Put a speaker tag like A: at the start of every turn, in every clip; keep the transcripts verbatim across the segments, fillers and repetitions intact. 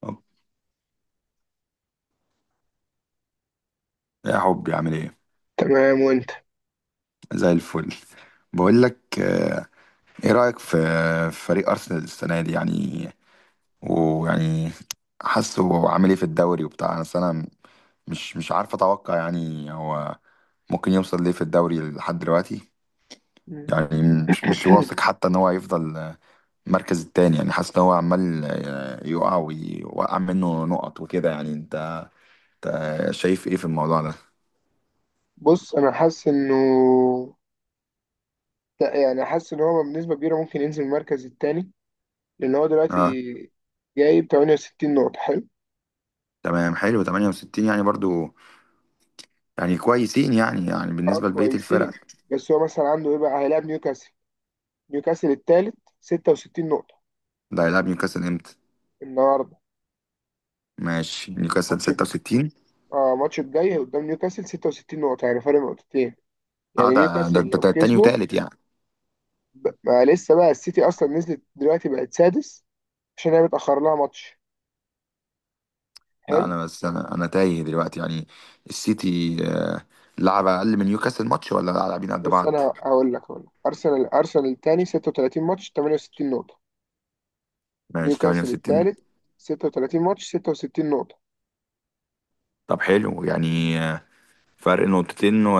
A: طب يا حبي عامل ايه؟
B: تمام، وانت؟
A: زي الفل. بقول لك آه، ايه رأيك في في فريق ارسنال السنة دي؟ يعني ويعني حاسه هو عامل ايه في الدوري وبتاع. بس انا السنة مش مش عارف اتوقع يعني هو ممكن يوصل ليه في الدوري لحد دلوقتي.
B: مم.
A: يعني مش مش واثق حتى ان هو يفضل المركز التاني، يعني حاسس ان هو عمال آه، يقع ويوقع منه نقط وكده. يعني انت انت شايف ايه في الموضوع ده؟
B: بص، انا حاسس انه لا، يعني حاسس ان هو بنسبه كبيره ممكن ينزل المركز الثاني لان هو دلوقتي
A: اه،
B: جايب ثمانية وستين نقطه. حلو.
A: تمام حلو ثمانية وستين، يعني برضو يعني كويسين يعني، يعني
B: اه،
A: بالنسبة لبقية الفرق.
B: كويسين. بس هو مثلا عنده ايه؟ بقى هيلاعب نيوكاسل نيوكاسل الثالث، ستة وستين نقطه.
A: ده هيلعب نيوكاسل امتى؟
B: النهارده
A: ماشي، نيوكاسل
B: ماتش.
A: ستة وستين.
B: اه، ماتش الجاي قدام نيوكاسل، ستة وستين نقطه، يعني فرق نقطتين.
A: اه،
B: يعني
A: ده
B: نيوكاسل
A: ده ده-
B: لو
A: ده تاني
B: كسبه.
A: وتالت يعني.
B: ب- ما لسه بقى السيتي اصلا نزلت دلوقتي، بقت سادس عشان هي متاخر لها ماتش.
A: لا،
B: حلو.
A: انا بس، انا انا تايه دلوقتي يعني. السيتي آه، لعب اقل من نيوكاسل ماتش، ولا لاعبين قد
B: بص،
A: بعض؟
B: انا هقول لك هقول لك ارسنال ارسنال الثاني، ستة وثلاثين ماتش، ثمانية وستين نقطة.
A: ماشي،
B: نيوكاسل
A: ثمانية وستين.
B: الثالث، ستة وثلاثين ماتش، ستة وستين نقطة.
A: طب حلو يعني، آه، فرق نقطتين و-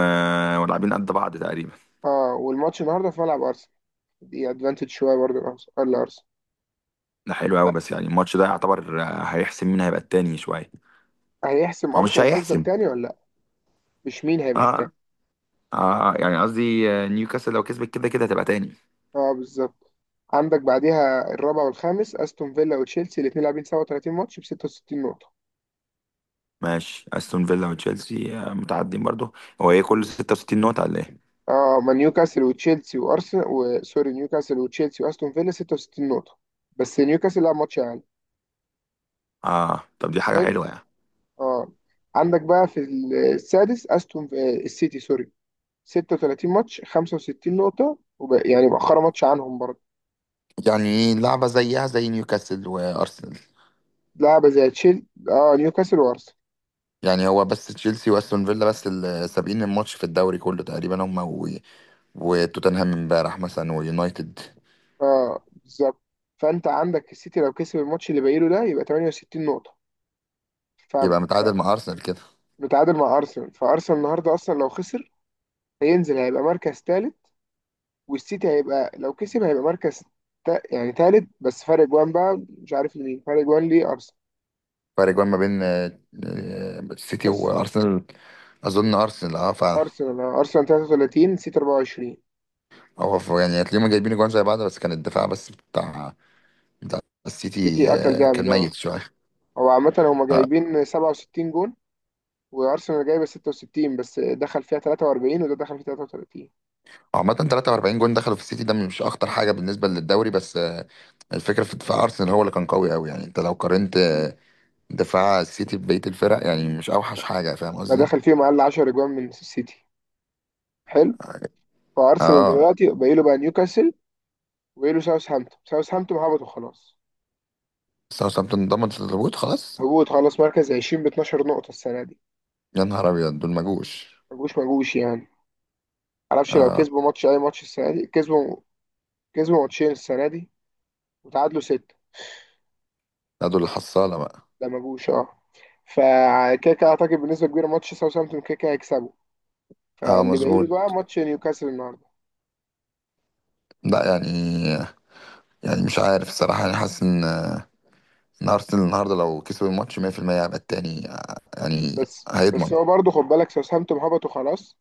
A: ولاعبين قد بعض تقريبا.
B: اه، والماتش النهارده في ملعب ارسنال. دي ادفانتج شوية برضه لأرس- لارسنال.
A: ده حلو
B: لا.
A: قوي، بس يعني الماتش ده يعتبر آه، هيحسم مين هيبقى التاني شوية.
B: هيحسم
A: هو مش
B: ارسنال هتفضل
A: هيحسم.
B: تاني ولا لا. مش مين هيبقى التاني.
A: اه، اه آه، يعني قصدي آه، نيوكاسل لو كسبت كده كده هتبقى تاني.
B: اه، بالظبط. عندك بعديها الرابع والخامس، استون فيلا وتشيلسي، الاثنين لاعبين سبعة وثلاثين ماتش ب ستة وستين نقطة.
A: ماشي، استون فيلا وتشيلسي آه، متعدين برضو. هو ايه، كل
B: مم.
A: ستة وستين نقطة ولا ايه؟
B: اه، ما نيوكاسل وتشيلسي وارسنال، وسوري، نيوكاسل وتشيلسي واستون فيلا، ستة وستين نقطة. بس نيوكاسل لعب ماتش اقل.
A: اه، طب دي حاجة
B: حلو.
A: حلوة يعني.
B: اه. عندك بقى في السادس استون آه، السيتي، سوري، ستة وثلاثين ماتش، خمسة وستين نقطة وب... يعني مؤخرا ماتش عنهم برضه.
A: يعني لعبة زيها زي نيوكاسل وأرسنال.
B: لعبة زي تشيل اه نيوكاسل وارسنال.
A: يعني هو بس تشيلسي وأستون فيلا بس اللي سابقين الماتش في الدوري كله تقريبا، هما و... وتوتنهام امبارح مثلا، ويونايتد.
B: اه، بالظبط. فانت عندك السيتي لو كسب الماتش اللي باقي له ده، يبقى ثمانية وستين نقطة. ف...
A: يبقى
B: ف...
A: متعادل مع أرسنال كده.
B: متعادل مع ارسنال، فارسنال النهارده اصلا لو خسر هينزل، هيبقى مركز ثالث. والسيتي هيبقى، لو كسب هيبقى مركز تا... يعني ثالث، بس فرق جوان بقى مش عارف لمين فرق جوان ليه.
A: فرق جوان ما بين آه، آه، السيتي
B: ارسنال
A: وأرسنال. أظن أرسنال، أه، فعلا.
B: ارسنال آه. ارسنال ثلاثة وثلاثين، سيتي أربعة وعشرين.
A: هو ف- يعني هتلاقيهم جايبين جوان زي بعض، بس كان الدفاع بس بتاع ده، السيتي
B: سيتي اكل
A: آه،
B: جامد،
A: كان
B: اه.
A: ميت شويه.
B: هو عامة هما
A: آه،
B: جايبين سبعة وستين جون، وارسنال جايبه ستة وستين، بس دخل فيها ثلاثة وأربعين وده دخل فيها ثلاثة وثلاثين.
A: عامة ثلاثة وأربعين جون دخلوا في السيتي، ده مش أخطر حاجة بالنسبة للدوري، بس آه، الفكرة في دفاع أرسنال هو اللي كان قوي أوي. يعني أنت لو قارنت
B: مم.
A: آه، دفاع السيتي ببقية الفرق، يعني مش أوحش حاجة. فاهم
B: ما
A: قصدي؟
B: دخل فيهم اقل عشرة اجوان من السيتي. حلو.
A: اه،
B: فارسنال
A: آه،
B: دلوقتي باقي له بقى نيوكاسل، وباقي له ساوثهامبتون. ساوثهامبتون هبطوا خلاص،
A: ساوثهامبتون ضمنت الهبوط خلاص.
B: هبوط خلاص، مركز عشرين ب اتناشر نقطة السنة دي.
A: يا نهار أبيض، دول ما جوش.
B: ما جوش، ما جوش يعني. معرفش لو
A: اه.
B: كسبوا ماتش، اي ماتش السنة دي كسبوا. كسبوا ماتشين السنة دي، وتعادلوا ستة.
A: لا، دول الحصالة بقى.
B: لا ما جوش، اه. فكيكا اعتقد بنسبه كبيره ماتش ساوثهامبتون كيكا هيكسبه.
A: اه،
B: فاللي باقي له
A: مظبوط.
B: بقى ماتش نيوكاسل النهارده.
A: لا يعني، يعني مش عارف الصراحة، يعني حاسس إن آه، إن أرسنال النهاردة لو كسبوا الماتش مية في المية هيبقى التاني آه، يعني
B: بس بس
A: هيضمن.
B: هو برضه خد بالك ساوثهامبتون هبطوا خلاص،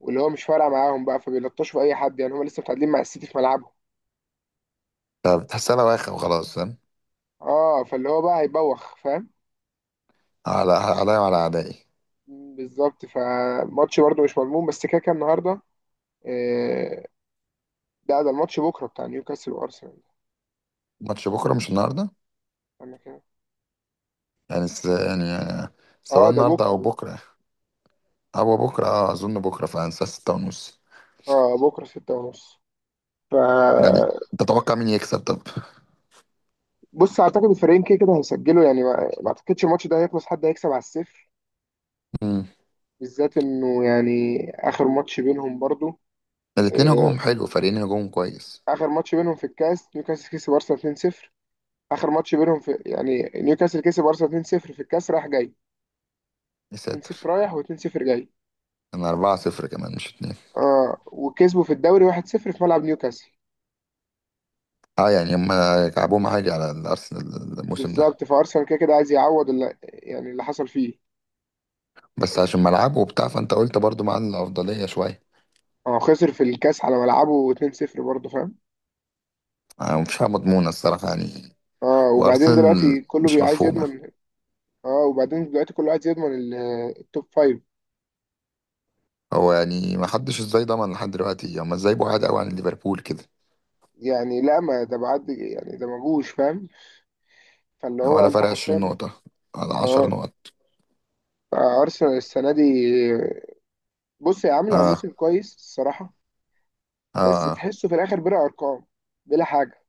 B: واللي هو مش فارقه معاهم بقى، فبيلطشوا في اي حد، يعني هم لسه متعادلين مع السيتي في ملعبهم.
A: طب تحسها بواخة وخلاص، فاهم.
B: اه، فاللي هو بقى هيبوخ، فاهم.
A: على عليا وعلى أعدائي.
B: بالظبط، فماتش برضه مش مضمون، بس كيكا النهارده. آه، لا، ده الماتش بكره بتاع نيوكاسل وارسنال.
A: ماتش بكرة، مش النهاردة.
B: انا كده.
A: يعني س... يعني آه،
B: اه،
A: سواء
B: ده
A: النهاردة أو
B: بكره.
A: بكرة، أو بكرة، أه أظن بكرة فعلا الساعة ستة ونص.
B: اه، بكره ستة ونص. ف
A: يعني تتوقع مين يكسب طب؟
B: بص، اعتقد الفريقين كده كده هيسجلوا، يعني ما ما اعتقدش الماتش ده هيخلص حد هيكسب على الصفر،
A: مم.
B: بالذات انه يعني اخر ماتش بينهم برضو.
A: الاتنين
B: آه،
A: هجومهم حلو، فريقين هجومهم كويس.
B: اخر ماتش بينهم في الكاس نيوكاسل كسب ارسنال اتنين صفر. اخر ماتش بينهم في، يعني نيوكاسل كسب ارسنال اتنين صفر في الكاس، راح جاي.
A: يا
B: اتنين صفر
A: ساتر.
B: رايح و2-صفر جاي.
A: أنا أربعة صفر كمان، مش اتنين.
B: اه، وكسبوا في الدوري واحد صفر في ملعب نيوكاسل.
A: أه يعني هما كعبهم عالي على الأرسنال الموسم ده.
B: بالظبط، فارسنال كده كده عايز يعوض اللي، يعني اللي حصل فيه.
A: بس عشان ملعبه وبتاع، فأنت قلت برضو مع الأفضلية شوية.
B: اه، خسر في الكاس على ملعبه اتنين صفر برضه، فاهم.
A: آه، مفيش حاجة مضمونة الصراحة يعني.
B: اه، وبعدين دلوقتي
A: وأرسنال
B: كله
A: مش
B: بي- عايز
A: مفهومة.
B: يضمن. اه، وبعدين دلوقتي كل واحد يضمن ال- التوب فايف
A: هو يعني ما حدش ازاي ضمن لحد دلوقتي؟ هما ازاي بعاد قوي عن ليفربول كده؟
B: يعني. لا، ما ده بعد، يعني ده مجوش، فاهم. فاللي هو
A: ولا
B: انت
A: فرق عشرين
B: حرفيا.
A: نقطة، ولا
B: اه،
A: عشر نقط.
B: ارسنال السنه دي، بص هي عامله
A: اه.
B: موسم كويس الصراحه.
A: اه
B: بس
A: آه.
B: تحسه في الاخر بلا ارقام، بلا حاجه.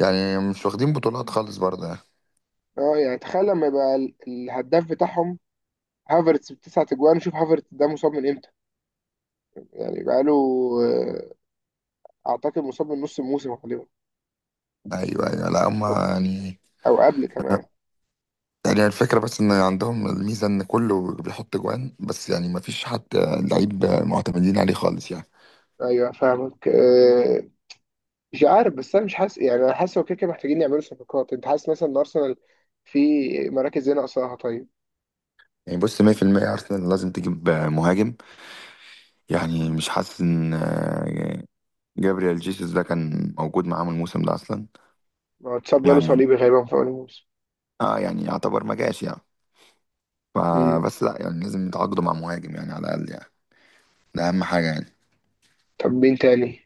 A: يعني مش واخدين بطولات خالص برضه يعني.
B: اه، يعني تخيل لما يبقى ال- الهداف بتاعهم هافرتس بتسعة اجوان. شوف هافرتس ده مصاب من امتى. يعني بقاله، آه، اعتقد مصاب من نص الموسم غالبا،
A: ايوه ايوه، لا
B: او
A: هما يعني،
B: أو قبل كمان.
A: يعني الفكرة بس ان عندهم الميزة ان كله بيحط جوان، بس يعني ما فيش حد لعيب معتمدين عليه خالص يعني.
B: ايوه، فاهمك. مش عارف، بس انا مش حاسس يعني، انا حاسس هو كده كده محتاجين يعملوا صفقات. انت حاسس مثلا ان ارسنال في مراكز ايه ناقصاها طيب؟
A: يعني بص، مية في المية ارسنال لازم تجيب مهاجم. يعني مش حاسس ان آه، جابريال جيسوس ده كان موجود معاهم الموسم ده اصلا.
B: ما هو اتصاب، جاله
A: يعني
B: صليبي غالبا في اول موسم.
A: اه، يعني يعتبر ما جاش يعني.
B: أمم.
A: فبس لا، يعني لازم يتعاقدوا مع مهاجم يعني، على الأقل يعني. ده أهم حاجة يعني.
B: طب مين تاني؟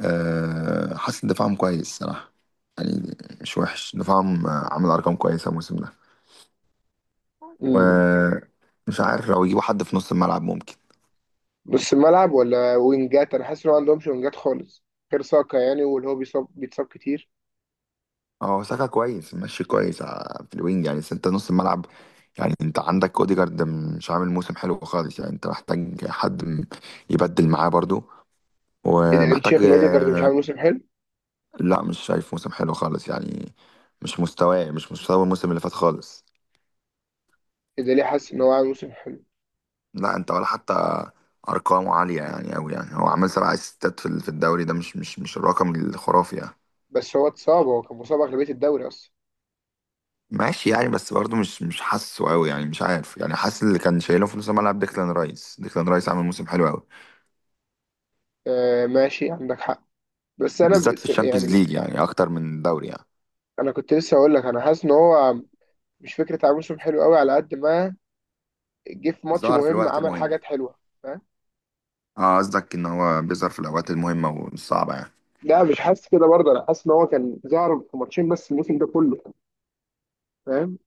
A: أه، حاسس إن دفاعهم كويس صراحة. يعني مش وحش دفاعهم، آه، عامل أرقام كويسة الموسم ده.
B: أمم.
A: ومش عارف، لو يجيبوا حد في نص الملعب ممكن.
B: نص الملعب ولا وينجات؟ انا حاسس ان هو ما عندهمش وينجات خالص، غير ساكا يعني، واللي هو بيصاب بيتصاب كتير.
A: اه، ساكا كويس، ماشي كويس ع- في الوينج يعني. بس انت نص الملعب، يعني انت عندك اوديجارد مش عامل موسم حلو خالص يعني، انت محتاج حد م- يبدل معاه برضو.
B: ايه ده؟
A: ومحتاج.
B: شيخ نوديجارد مش عامل موسم حلو؟
A: لا، مش شايف موسم حلو خالص يعني، مش مستواه، مش مستوى الموسم اللي فات خالص.
B: ايه ده؟ ليه حاسس ان هو عامل موسم حلو؟
A: لا انت ولا حتى ارقامه عاليه يعني قوي. يعني هو عمل سبع اسيستات في ال- في الدوري، ده مش مش مش الرقم الخرافي يعني.
B: بس هو اتصاب، هو كان مصاب اغلبيه الدوري اصلا.
A: ماشي يعني، بس برضه مش مش حاسه قوي يعني، مش عارف. يعني حاسس اللي كان شايله في نص الملعب ديكلان رايس، ديكلان رايس عمل موسم حلو قوي،
B: آه ماشي، عندك حق. بس انا
A: بالذات في
B: بس
A: الشامبيونز
B: يعني،
A: ليج يعني، اكتر من الدوري يعني.
B: انا كنت لسه هقول لك، انا حاسس ان هو مش فكره عامل موسم حلو قوي. على قد ما جه في ماتش
A: ظهر في
B: مهم
A: الوقت
B: عمل
A: المهم.
B: حاجات حلوه، فاهم.
A: اه، قصدك ان هو بيظهر في الاوقات المهمه والصعبه يعني؟
B: لا مش حاسس كده برضه، انا حاسس ان هو كان ظهر في ماتشين بس الموسم ده كله، فاهم،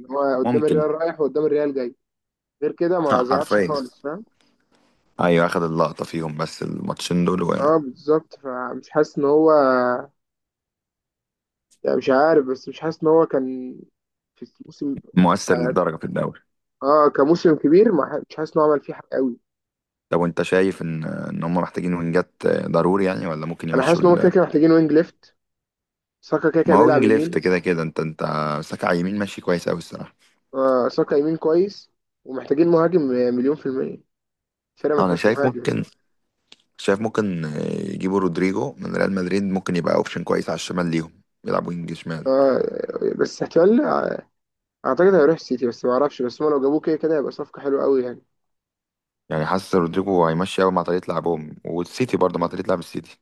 B: ان هو قدام
A: ممكن.
B: الريال رايح وقدام الريال جاي. غير كده ما ظهرش
A: حرفيا،
B: خالص، فاهم.
A: ايوه، اخد اللقطه فيهم بس الماتشين دول.
B: اه، بالظبط، فمش حاسس ان هو يعني مش عارف، بس مش حاسس ان هو كان في الموسم
A: مؤثر
B: ك-
A: للدرجة في الدوري.
B: اه كموسم كبير ما ح- مش حاسس ان هو عمل فيه حاجه قوي.
A: طب وانت شايف ان ان هم محتاجين وينجات ضروري يعني، ولا ممكن
B: انا حاسس
A: يمشوا
B: ان هم كده
A: ال...؟
B: كده محتاجين وينج ليفت، ساكا كده كده
A: ما هو
B: بيلعب
A: وينج ليفت
B: يمين.
A: كده كده. انت انت ساكا على اليمين ماشي كويس قوي الصراحة.
B: آه، ساكا يمين كويس، ومحتاجين مهاجم مليون في المية. الفرقة ما
A: انا
B: فيهاش
A: شايف
B: مهاجم
A: ممكن،
B: يعني.
A: شايف ممكن يجيبوا رودريجو من ريال مدريد، ممكن يبقى اوبشن كويس على الشمال ليهم يلعب وينج شمال.
B: آه، بس احتمال. اعتقد هيروح السيتي بس ما اعرفش، بس هم لو جابوه كده كده هيبقى صفقة حلوة قوي يعني.
A: يعني حاسس رودريجو هيمشي قوي مع طريقة لعبهم، والسيتي برضه مع
B: مم.
A: طريقة لعب السيتي.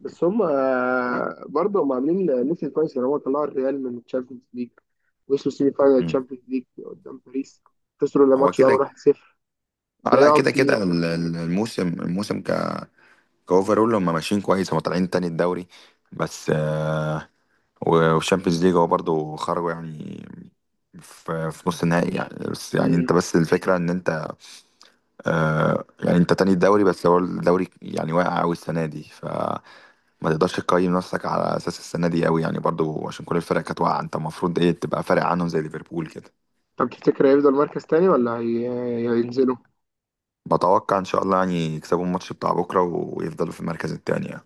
B: بس هم آه، برضه هم عاملين موسم كويس، لان هو طلعوا الريال من الشامبيونز ليج، وصلوا سيمي فاينال
A: مم.
B: الشامبيونز ليج قدام باريس. خسروا
A: هو
B: الماتش ده
A: كده.
B: واحد صفر.
A: اه لا،
B: ضيعوا
A: كده كده
B: كتير.
A: ال- ال- الموسم الموسم ك... كاوفرول هم ماشيين كويس، هم طالعين تاني الدوري، بس آه، والشامبيونز ليج هو برضه خرجوا يعني في في نص النهائي يعني. بس يعني
B: مم.
A: انت، بس الفكرة ان انت آه يعني انت تاني الدوري، بس هو الدوري يعني واقع قوي السنة دي، فما تقدرش تقيم نفسك على اساس السنة دي قوي يعني برضه، عشان كل الفرق كانت واقعة. انت المفروض ايه، تبقى فارق عنهم زي ليفربول كده.
B: طب تفتكر هيفضل مركز تاني ولا هي- هينزلوا؟
A: بتوقع ان شاء الله يعني يكسبوا الماتش بتاع بكرة، ويفضلوا في المركز التاني يعني.